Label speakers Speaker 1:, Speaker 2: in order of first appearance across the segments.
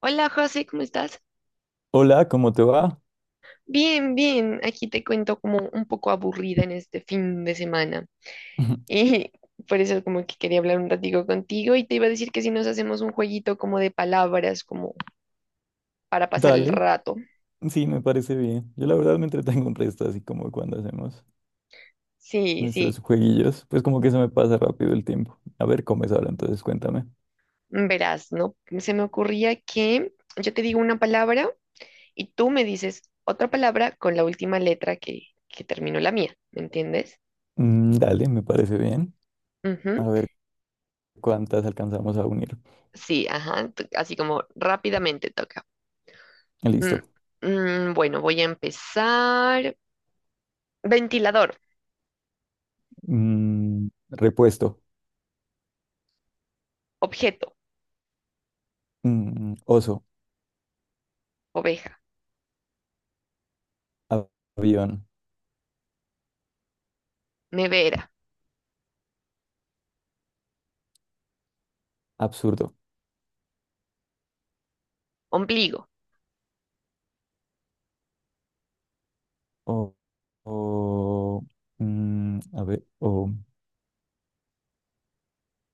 Speaker 1: Hola José, ¿cómo estás?
Speaker 2: Hola, ¿cómo te va?
Speaker 1: Bien, bien. Aquí te cuento como un poco aburrida en este fin de semana. Y por eso como que quería hablar un ratico contigo y te iba a decir que si nos hacemos un jueguito como de palabras, como para pasar el
Speaker 2: Dale,
Speaker 1: rato.
Speaker 2: sí, me parece bien. Yo la verdad me entretengo un resto, así como cuando hacemos
Speaker 1: Sí,
Speaker 2: nuestros
Speaker 1: sí.
Speaker 2: jueguillos, pues como que se me pasa rápido el tiempo. A ver, ¿cómo es ahora? Entonces cuéntame.
Speaker 1: Verás, ¿no? Se me ocurría que yo te digo una palabra y tú me dices otra palabra con la última letra que terminó la mía. ¿Me entiendes?
Speaker 2: Dale, me parece bien.
Speaker 1: Ujú.
Speaker 2: A ver cuántas alcanzamos a unir.
Speaker 1: Sí, ajá. Así como rápidamente toca. Mm,
Speaker 2: Listo.
Speaker 1: bueno, voy a empezar. Ventilador,
Speaker 2: Repuesto.
Speaker 1: objeto,
Speaker 2: Oso.
Speaker 1: oveja,
Speaker 2: a- Avión.
Speaker 1: nevera,
Speaker 2: Absurdo.
Speaker 1: ombligo.
Speaker 2: O, o, a ver,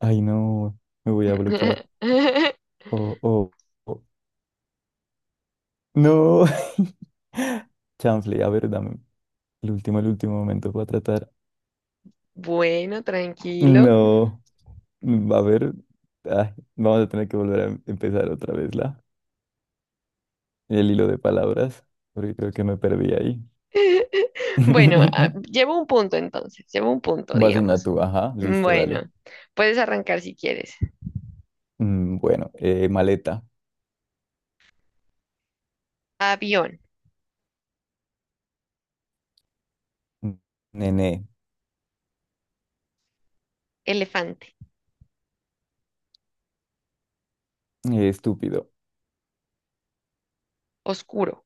Speaker 2: ay no, me voy a bloquear. O, o, o- no. Chanfle, a ver, dame el último momento para tratar.
Speaker 1: Bueno, tranquilo.
Speaker 2: No, a ver, ay, vamos a tener que volver a empezar otra vez el hilo de palabras, porque creo que me perdí ahí.
Speaker 1: Bueno, llevo un punto entonces, llevo un punto,
Speaker 2: Vas una
Speaker 1: digamos.
Speaker 2: tú, ajá, listo, dale.
Speaker 1: Bueno, puedes arrancar si quieres.
Speaker 2: Bueno, maleta,
Speaker 1: Avión,
Speaker 2: mm, nene,
Speaker 1: elefante,
Speaker 2: estúpido.
Speaker 1: oscuro.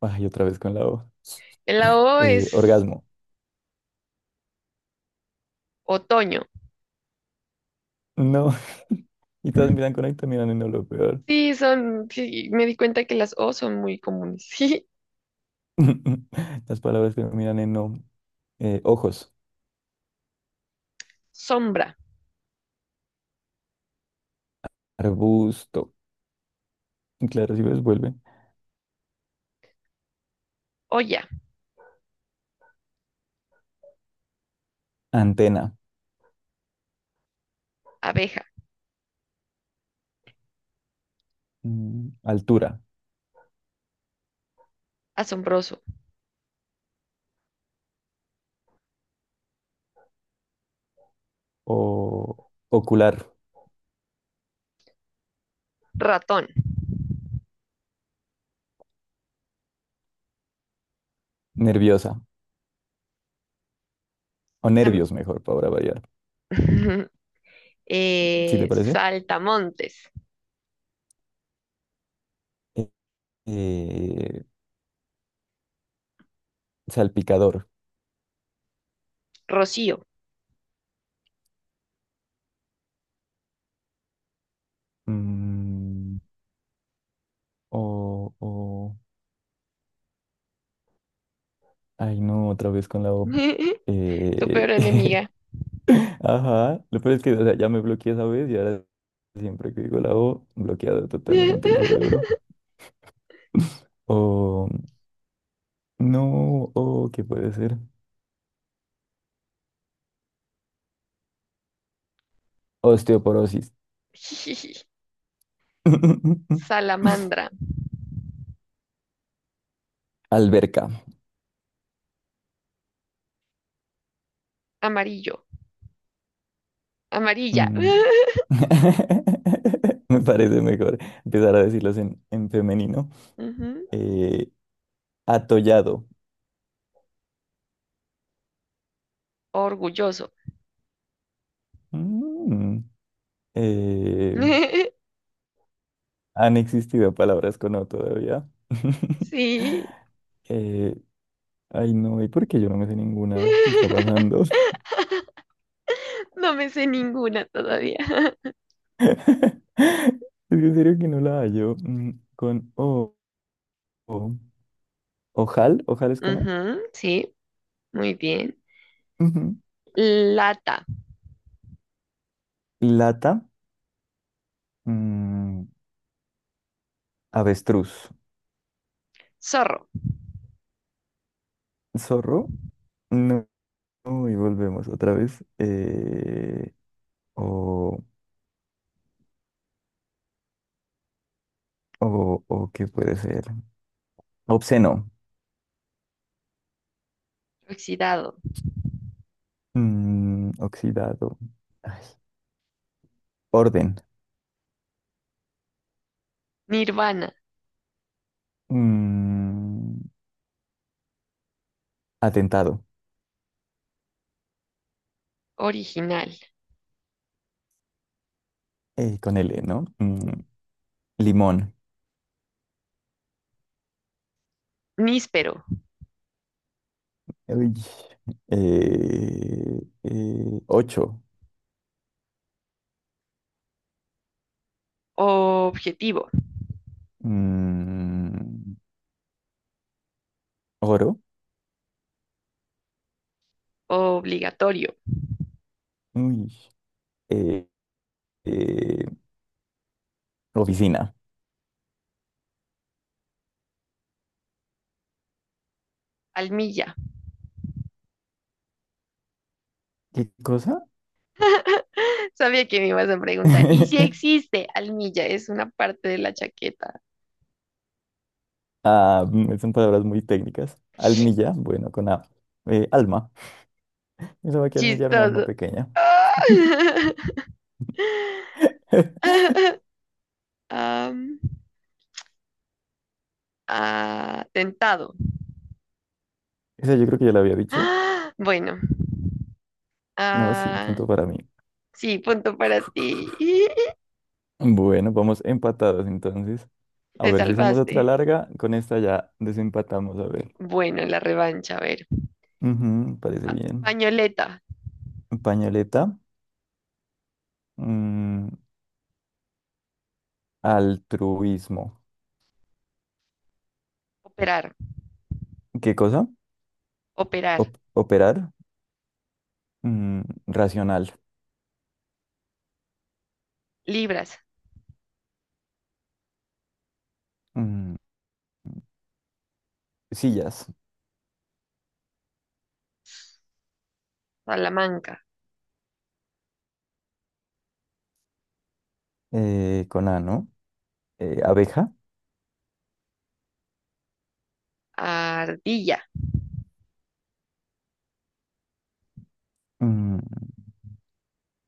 Speaker 2: Ay, otra vez con la O.
Speaker 1: La O es
Speaker 2: Orgasmo.
Speaker 1: otoño.
Speaker 2: No, y todas miran con ahí, te miran en no, lo peor.
Speaker 1: Sí, son, sí, me di cuenta que las O son muy comunes. Sí,
Speaker 2: Las palabras que miran en no. Ojos,
Speaker 1: sombra,
Speaker 2: arbusto. Claro, si ves, vuelve.
Speaker 1: olla,
Speaker 2: Antena,
Speaker 1: abeja,
Speaker 2: altura
Speaker 1: asombroso.
Speaker 2: o ocular,
Speaker 1: Ratón,
Speaker 2: nerviosa o
Speaker 1: Am-
Speaker 2: nervios mejor para variar, ¿si te parece?
Speaker 1: saltamontes,
Speaker 2: Eh, eh, Salpicador,
Speaker 1: Rocío,
Speaker 2: mm, o... Ay, no, otra vez con la O.
Speaker 1: tu
Speaker 2: Eh,
Speaker 1: peor enemiga,
Speaker 2: Ajá, lo peor es que o sea, ya me bloqueé esa vez y ahora siempre que digo la O, bloqueado totalmente el cerebro. O no, o ¿qué puede ser? Osteoporosis.
Speaker 1: salamandra,
Speaker 2: Alberca.
Speaker 1: amarillo, amarilla,
Speaker 2: Mm. Me parece mejor empezar a decirlos en femenino.
Speaker 1: Ujú,
Speaker 2: Eh, Atollado.
Speaker 1: orgulloso.
Speaker 2: Mm. Eh, Han existido palabras con O todavía.
Speaker 1: Sí.
Speaker 2: Eh, Ay, no, ¿y por qué yo no me sé ninguna? ¿Qué está pasando? Es
Speaker 1: No me sé ninguna todavía.
Speaker 2: que en serio que no la hallo. Mm, con O. o- Ojal, ojal es con O.
Speaker 1: Ujú, sí, muy bien.
Speaker 2: Ujú.
Speaker 1: Lata,
Speaker 2: Lata, mm, avestruz.
Speaker 1: zorro,
Speaker 2: Zorro, no, no, y volvemos otra vez. O, o, ¿qué puede ser? Obsceno,
Speaker 1: oxidado,
Speaker 2: oxidado, ay, orden,
Speaker 1: nirvana,
Speaker 2: mm, atentado,
Speaker 1: original,
Speaker 2: con L, ¿no? Mm, limón,
Speaker 1: níspero,
Speaker 2: uy, ocho,
Speaker 1: objetivo,
Speaker 2: mm, oro,
Speaker 1: obligatorio,
Speaker 2: uy, eh, eh, oficina.
Speaker 1: almilla.
Speaker 2: ¿Qué cosa?
Speaker 1: Sabía que me ibas a preguntar. ¿Y si existe almilla? Es una parte de la chaqueta.
Speaker 2: Ah, mm, son palabras muy técnicas. Almilla, bueno, con A. Alma. Yo sabía que almilla era un alma
Speaker 1: Chistoso.
Speaker 2: pequeña.
Speaker 1: Am, atentado.
Speaker 2: Esa yo creo que ya la había dicho.
Speaker 1: Ah, bueno.
Speaker 2: No, sí,
Speaker 1: Ah,
Speaker 2: punto para mí.
Speaker 1: sí, punto para ti.
Speaker 2: Bueno, vamos empatados entonces. A
Speaker 1: Te
Speaker 2: ver si hacemos otra
Speaker 1: salvaste.
Speaker 2: larga. Con esta ya desempatamos, a ver.
Speaker 1: Bueno, la revancha, a ver.
Speaker 2: Ujú, parece bien.
Speaker 1: Pañoleta,
Speaker 2: Pañoleta. Mm, Altruismo.
Speaker 1: operar,
Speaker 2: ¿Qué cosa?
Speaker 1: operar,
Speaker 2: Operar. Racional.
Speaker 1: libras,
Speaker 2: Mm, Sillas.
Speaker 1: Salamanca,
Speaker 2: Eh, con A, ¿no? Abeja.
Speaker 1: ardilla,
Speaker 2: Mm,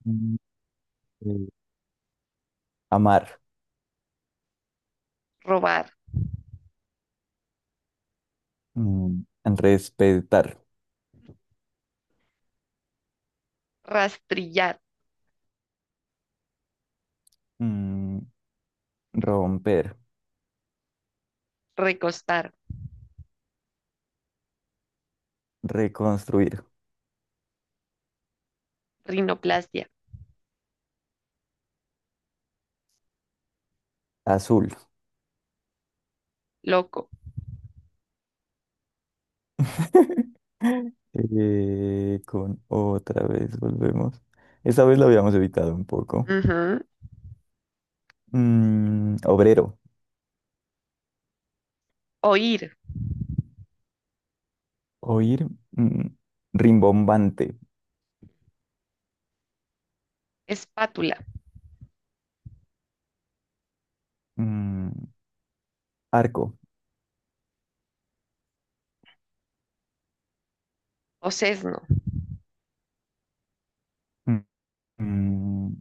Speaker 2: Mm, eh, Amar,
Speaker 1: robar,
Speaker 2: mm, respetar,
Speaker 1: rastrillar,
Speaker 2: mm, romper,
Speaker 1: recostar,
Speaker 2: reconstruir,
Speaker 1: rinoplastia,
Speaker 2: azul.
Speaker 1: loco,
Speaker 2: Con otra vez volvemos. Esta vez lo habíamos evitado un poco.
Speaker 1: ujú,
Speaker 2: Obrero,
Speaker 1: oír,
Speaker 2: oír, rimbombante,
Speaker 1: espátula,
Speaker 2: mm, arco,
Speaker 1: sesno,
Speaker 2: mm, mm,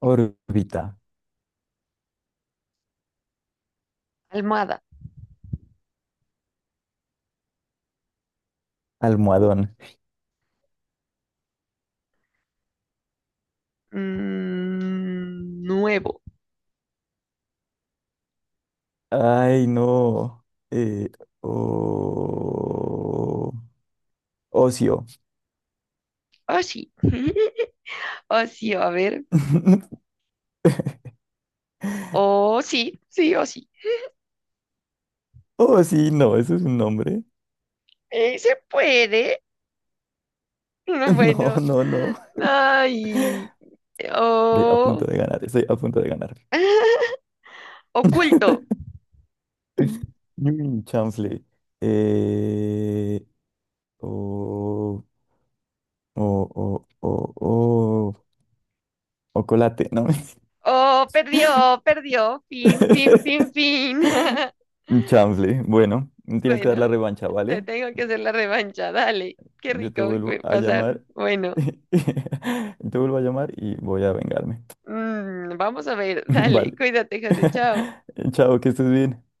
Speaker 2: órbita,
Speaker 1: almohada,
Speaker 2: almohadón.
Speaker 1: nuevo,
Speaker 2: Ay, no. eh, o- Ocio.
Speaker 1: oh sí, oh sí, a ver, oh sí, sí, oh sí,
Speaker 2: Oh, sí, no, eso es un nombre.
Speaker 1: Se puede,
Speaker 2: No,
Speaker 1: bueno,
Speaker 2: no, no.
Speaker 1: ay,
Speaker 2: Estoy a
Speaker 1: oh,
Speaker 2: punto de ganar, estoy a punto de ganar.
Speaker 1: oculto,
Speaker 2: Mm, chanfle. Eh, o, o, o, o, o, o colate, ¿no?
Speaker 1: oh, perdió, perdió, fin, fin, fin, fin,
Speaker 2: Chanfle. Bueno, tienes que dar
Speaker 1: bueno.
Speaker 2: la revancha,
Speaker 1: Te
Speaker 2: ¿vale?
Speaker 1: tengo que hacer la revancha, dale. Qué
Speaker 2: Yo te
Speaker 1: rico
Speaker 2: vuelvo a
Speaker 1: pasar.
Speaker 2: llamar.
Speaker 1: Bueno,
Speaker 2: Te vuelvo a llamar y voy a vengarme.
Speaker 1: vamos a ver, dale.
Speaker 2: Vale.
Speaker 1: Cuídate, José, chao.
Speaker 2: Chao, que estés bien.